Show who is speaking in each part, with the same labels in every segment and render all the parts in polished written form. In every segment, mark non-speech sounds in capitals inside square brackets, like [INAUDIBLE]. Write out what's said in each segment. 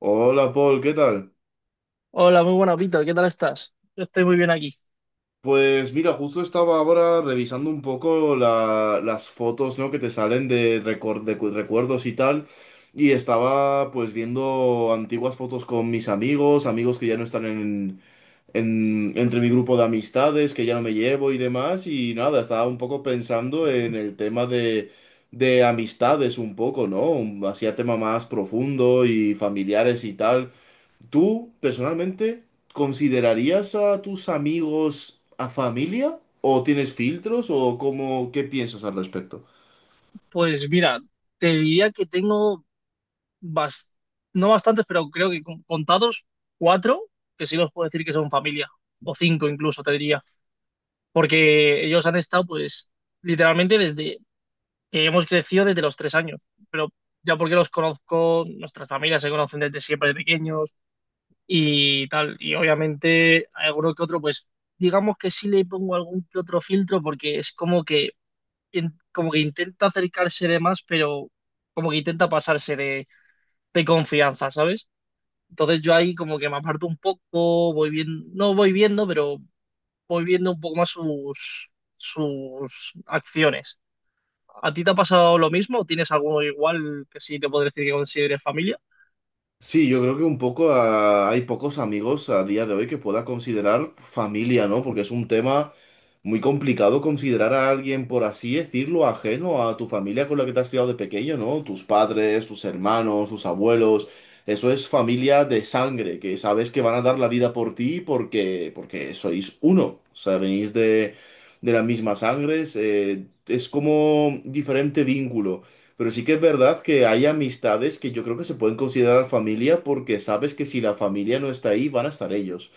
Speaker 1: Hola Paul, ¿qué tal?
Speaker 2: Hola, muy buena, Víctor. ¿Qué tal estás? Yo estoy muy bien aquí.
Speaker 1: Pues mira, justo estaba ahora revisando un poco las fotos, ¿no? Que te salen de, recuerdos y tal, y estaba pues viendo antiguas fotos con mis amigos, amigos que ya no están entre mi grupo de amistades, que ya no me llevo y demás, y nada, estaba un poco pensando en el tema de amistades un poco, ¿no? Hacía tema más profundo y familiares y tal. ¿Tú personalmente considerarías a tus amigos a familia? ¿O tienes filtros? ¿O cómo, qué piensas al respecto?
Speaker 2: Pues mira, te diría que tengo bas- no bastantes, pero creo que contados cuatro, que sí los puedo decir que son familia, o cinco incluso, te diría, porque ellos han estado, pues, literalmente desde que hemos crecido desde los 3 años, pero ya porque los conozco, nuestras familias se conocen desde siempre de pequeños y tal, y obviamente alguno que otro, pues, digamos que sí le pongo algún que otro filtro porque es como que como que intenta acercarse de más, pero como que intenta pasarse de confianza, ¿sabes? Entonces yo ahí como que me aparto un poco, voy viendo, no voy viendo, pero voy viendo un poco más sus acciones. ¿A ti te ha pasado lo mismo? ¿O ¿Tienes alguno igual que sí te podría decir que consideres familia?
Speaker 1: Sí, yo creo que un poco hay pocos amigos a día de hoy que pueda considerar familia, ¿no? Porque es un tema muy complicado considerar a alguien, por así decirlo, ajeno a tu familia con la que te has criado de pequeño, ¿no? Tus padres, tus hermanos, tus abuelos. Eso es familia de sangre, que sabes que van a dar la vida por ti porque, porque sois uno. O sea, venís de la misma sangre. Es como diferente vínculo. Pero sí que es verdad que hay amistades que yo creo que se pueden considerar familia porque sabes que si la familia no está ahí, van a estar ellos.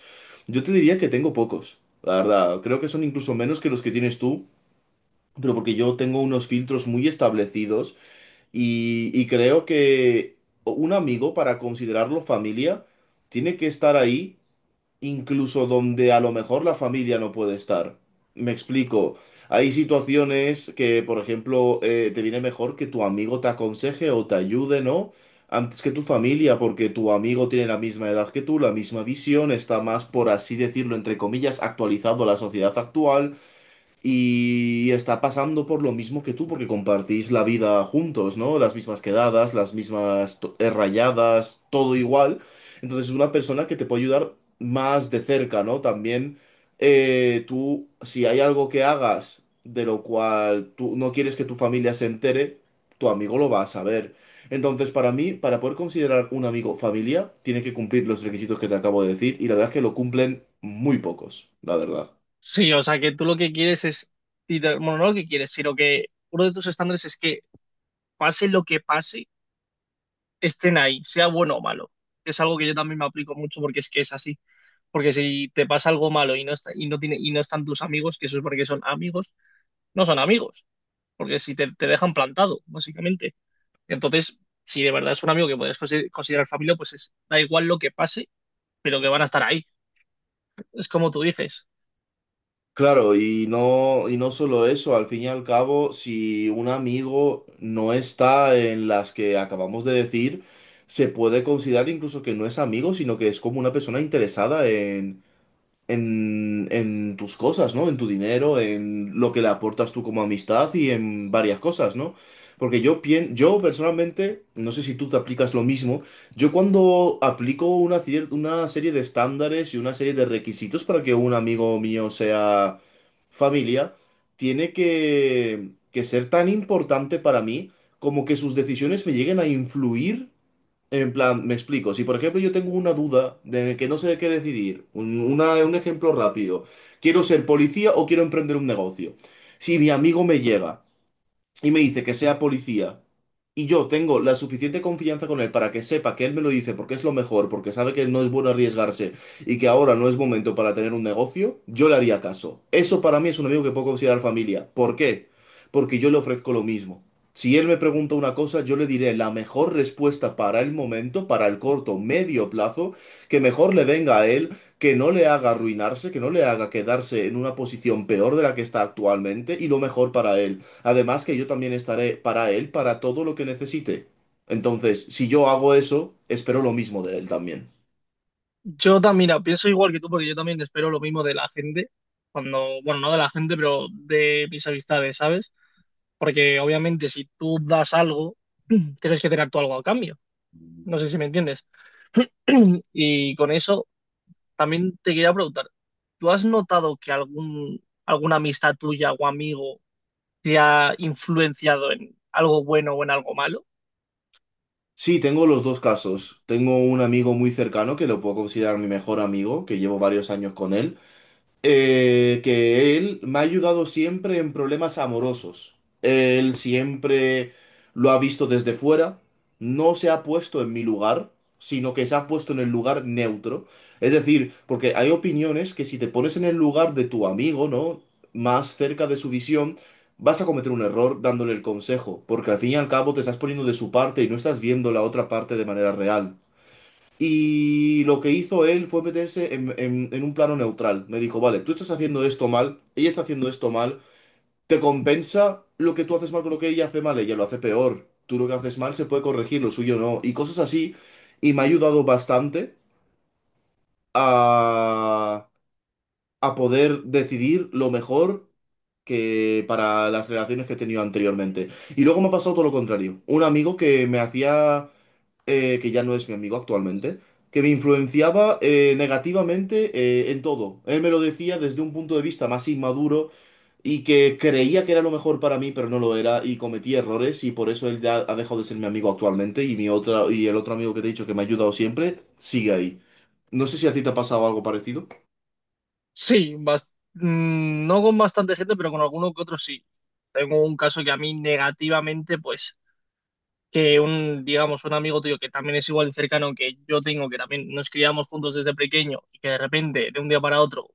Speaker 1: Yo te diría que tengo pocos, la verdad. Creo que son incluso menos que los que tienes tú, pero porque yo tengo unos filtros muy establecidos y creo que un amigo para considerarlo familia tiene que estar ahí incluso donde a lo mejor la familia no puede estar. Me explico. Hay situaciones que, por ejemplo, te viene mejor que tu amigo te aconseje o te ayude, ¿no? Antes que tu familia, porque tu amigo tiene la misma edad que tú, la misma visión, está más, por así decirlo, entre comillas, actualizado a la sociedad actual y está pasando por lo mismo que tú, porque compartís la vida juntos, ¿no? Las mismas quedadas, las mismas rayadas, todo igual. Entonces es una persona que te puede ayudar más de cerca, ¿no? También tú, si hay algo que hagas de lo cual tú no quieres que tu familia se entere, tu amigo lo va a saber. Entonces, para mí, para poder considerar un amigo familia, tiene que cumplir los requisitos que te acabo de decir, y la verdad es que lo cumplen muy pocos, la verdad.
Speaker 2: Sí, o sea que tú lo que quieres es, y bueno, no lo que quieres, sino que uno de tus estándares es que pase lo que pase, estén ahí, sea bueno o malo. Es algo que yo también me aplico mucho porque es que es así. Porque si te pasa algo malo y no está, y no tiene, y no están tus amigos, que eso es porque son amigos, no son amigos. Porque si te dejan plantado, básicamente. Entonces, si de verdad es un amigo que puedes considerar familia, pues es, da igual lo que pase, pero que van a estar ahí. Es como tú dices.
Speaker 1: Claro, y no solo eso, al fin y al cabo, si un amigo no está en las que acabamos de decir, se puede considerar incluso que no es amigo, sino que es como una persona interesada en tus cosas, ¿no? En tu dinero, en lo que le aportas tú como amistad y en varias cosas, ¿no? Porque yo pien, yo personalmente, no sé si tú te aplicas lo mismo, yo cuando aplico una serie de estándares y una serie de requisitos para que un amigo mío sea familia, tiene que ser tan importante para mí como que sus decisiones me lleguen a influir en plan, me explico. Si por ejemplo yo tengo una duda de que no sé de qué decidir, un ejemplo rápido, quiero ser policía o quiero emprender un negocio. Si mi amigo me llega y me dice que sea policía y yo tengo la suficiente confianza con él para que sepa que él me lo dice porque es lo mejor, porque sabe que no es bueno arriesgarse y que ahora no es momento para tener un negocio, yo le haría caso. Eso para mí es un amigo que puedo considerar familia. ¿Por qué? Porque yo le ofrezco lo mismo. Si él me pregunta una cosa, yo le diré la mejor respuesta para el momento, para el corto, medio plazo, que mejor le venga a él, que no le haga arruinarse, que no le haga quedarse en una posición peor de la que está actualmente y lo mejor para él. Además que yo también estaré para él, para todo lo que necesite. Entonces, si yo hago eso, espero lo mismo de él también.
Speaker 2: Yo también, mira, pienso igual que tú, porque yo también espero lo mismo de la gente. Cuando, bueno, no de la gente, pero de mis amistades, ¿sabes? Porque obviamente si tú das algo, [CLEARS THROAT] tienes que tener tú algo a cambio. No sé si me entiendes. [CLEARS THROAT] Y con eso también te quería preguntar, ¿tú has notado que algún, alguna amistad tuya o amigo te ha influenciado en algo bueno o en algo malo?
Speaker 1: Sí, tengo los dos casos. Tengo un amigo muy cercano que lo puedo considerar mi mejor amigo, que llevo varios años con él, que él me ha ayudado siempre en problemas amorosos. Él siempre lo ha visto desde fuera, no se ha puesto en mi lugar, sino que se ha puesto en el lugar neutro. Es decir, porque hay opiniones que si te pones en el lugar de tu amigo, ¿no? Más cerca de su visión, vas a cometer un error dándole el consejo, porque al fin y al cabo te estás poniendo de su parte y no estás viendo la otra parte de manera real. Y lo que hizo él fue meterse en un plano neutral. Me dijo, vale, tú estás haciendo esto mal, ella está haciendo esto mal, ¿te compensa lo que tú haces mal con lo que ella hace mal? Ella lo hace peor. Tú lo que haces mal se puede corregir, lo suyo no. Y cosas así. Y me ha ayudado bastante a a poder decidir lo mejor que para las relaciones que he tenido anteriormente. Y luego me ha pasado todo lo contrario. Un amigo que me hacía, que ya no es mi amigo actualmente, que me influenciaba negativamente en todo. Él me lo decía desde un punto de vista más inmaduro y que creía que era lo mejor para mí, pero no lo era y cometí errores y por eso él ya ha dejado de ser mi amigo actualmente y mi otra y el otro amigo que te he dicho que me ha ayudado siempre sigue ahí. No sé si a ti te ha pasado algo parecido.
Speaker 2: Sí, no con bastante gente, pero con alguno que otro sí. Tengo un caso que a mí negativamente, pues que un, digamos, un amigo tuyo que también es igual de cercano que yo tengo, que también nos criamos juntos desde pequeño y que de repente, de un día para otro,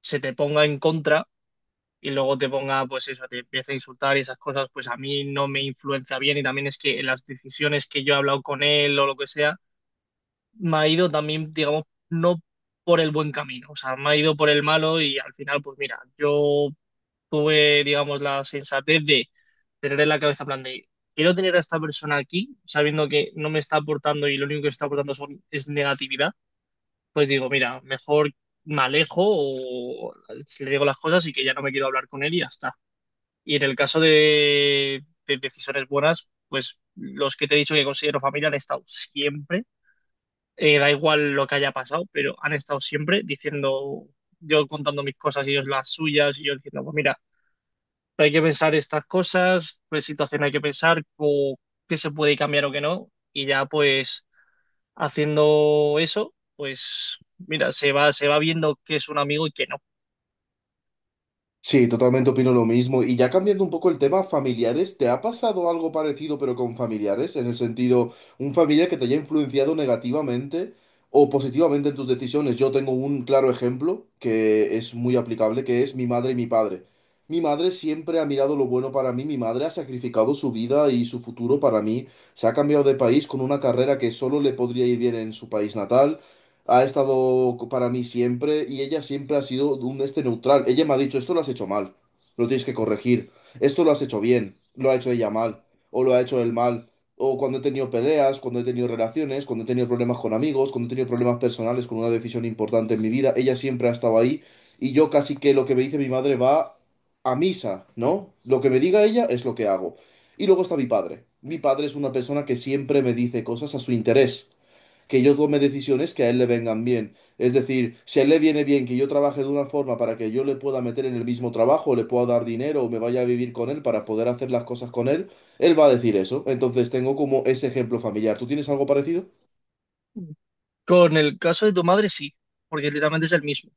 Speaker 2: se te ponga en contra y luego te ponga, pues eso, te empieza a insultar y esas cosas, pues a mí no me influencia bien y también es que las decisiones que yo he hablado con él o lo que sea, me ha ido también, digamos, no por el buen camino, o sea, me ha ido por el malo y al final, pues mira, yo tuve, digamos, la sensatez de tener en la cabeza, en plan de, quiero tener a esta persona aquí, sabiendo que no me está aportando y lo único que está aportando es negatividad, pues digo, mira, mejor me alejo o le digo las cosas y que ya no me quiero hablar con él y ya está. Y en el caso de decisiones buenas, pues los que te he dicho que considero familia han estado siempre, da igual lo que haya pasado, pero han estado siempre diciendo, yo contando mis cosas y ellos las suyas y yo diciendo, pues mira, hay que pensar estas cosas, qué situación hay que pensar, o qué se puede cambiar o qué no, y ya pues haciendo eso, pues mira, se va viendo que es un amigo y que no.
Speaker 1: Sí, totalmente opino lo mismo. Y ya cambiando un poco el tema, familiares, ¿te ha pasado algo parecido pero con familiares? En el sentido, un familiar que te haya influenciado negativamente o positivamente en tus decisiones. Yo tengo un claro ejemplo que es muy aplicable, que es mi madre y mi padre. Mi madre siempre ha mirado lo bueno para mí, mi madre ha sacrificado su vida y su futuro para mí, se ha cambiado de país con una carrera que solo le podría ir bien en su país natal, para mí siempre y ella siempre ha sido un este neutral. Ella me ha dicho, esto lo has hecho mal, lo tienes que corregir, esto lo has hecho bien, lo ha hecho ella mal, o lo ha hecho él mal. O cuando he tenido peleas, cuando he tenido relaciones, cuando he tenido problemas con amigos, cuando he tenido problemas personales con una decisión importante en mi vida, ella siempre ha estado ahí y yo casi que lo que me dice mi madre va a misa, ¿no? Lo que me diga ella es lo que hago. Y luego está mi padre. Mi padre es una persona que siempre me dice cosas a su interés, que yo tome decisiones que a él le vengan bien. Es decir, si a él le viene bien que yo trabaje de una forma para que yo le pueda meter en el mismo trabajo, le pueda dar dinero o me vaya a vivir con él para poder hacer las cosas con él, él va a decir eso. Entonces tengo como ese ejemplo familiar. ¿Tú tienes algo parecido?
Speaker 2: Con el caso de tu madre sí, porque literalmente es el mismo.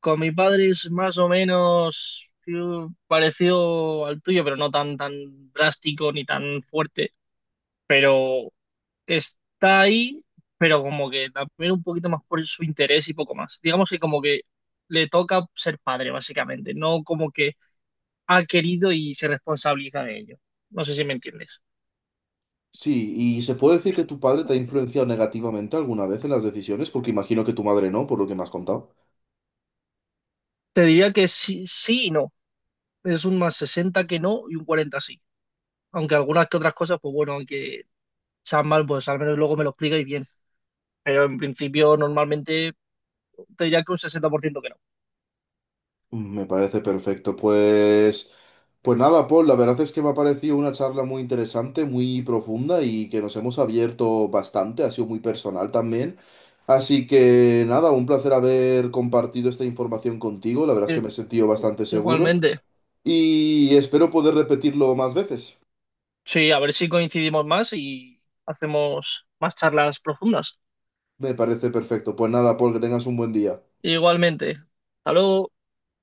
Speaker 2: Con mi padre es más o menos parecido al tuyo, pero no tan, tan drástico ni tan fuerte, pero está ahí, pero como que también un poquito más por su interés y poco más. Digamos que como que le toca ser padre, básicamente, no como que ha querido y se responsabiliza de ello. No sé si me entiendes.
Speaker 1: Sí, y se puede decir que tu padre te ha influenciado negativamente alguna vez en las decisiones, porque imagino que tu madre no, por lo que me has contado.
Speaker 2: Te diría que sí, sí y no. Es un más 60 que no y un 40 sí. Aunque algunas que otras cosas, pues bueno, aunque sean mal, pues al menos luego me lo explicáis bien. Pero en principio, normalmente, te diría que un 60% que no.
Speaker 1: Me parece perfecto. Pues nada, Paul, la verdad es que me ha parecido una charla muy interesante, muy profunda y que nos hemos abierto bastante, ha sido muy personal también. Así que nada, un placer haber compartido esta información contigo, la verdad es que
Speaker 2: Eh,
Speaker 1: me he sentido bastante seguro
Speaker 2: igualmente.
Speaker 1: y espero poder repetirlo más veces.
Speaker 2: Sí, a ver si coincidimos más y hacemos más charlas profundas.
Speaker 1: Me parece perfecto. Pues nada, Paul, que tengas un buen día.
Speaker 2: Igualmente. Hasta luego.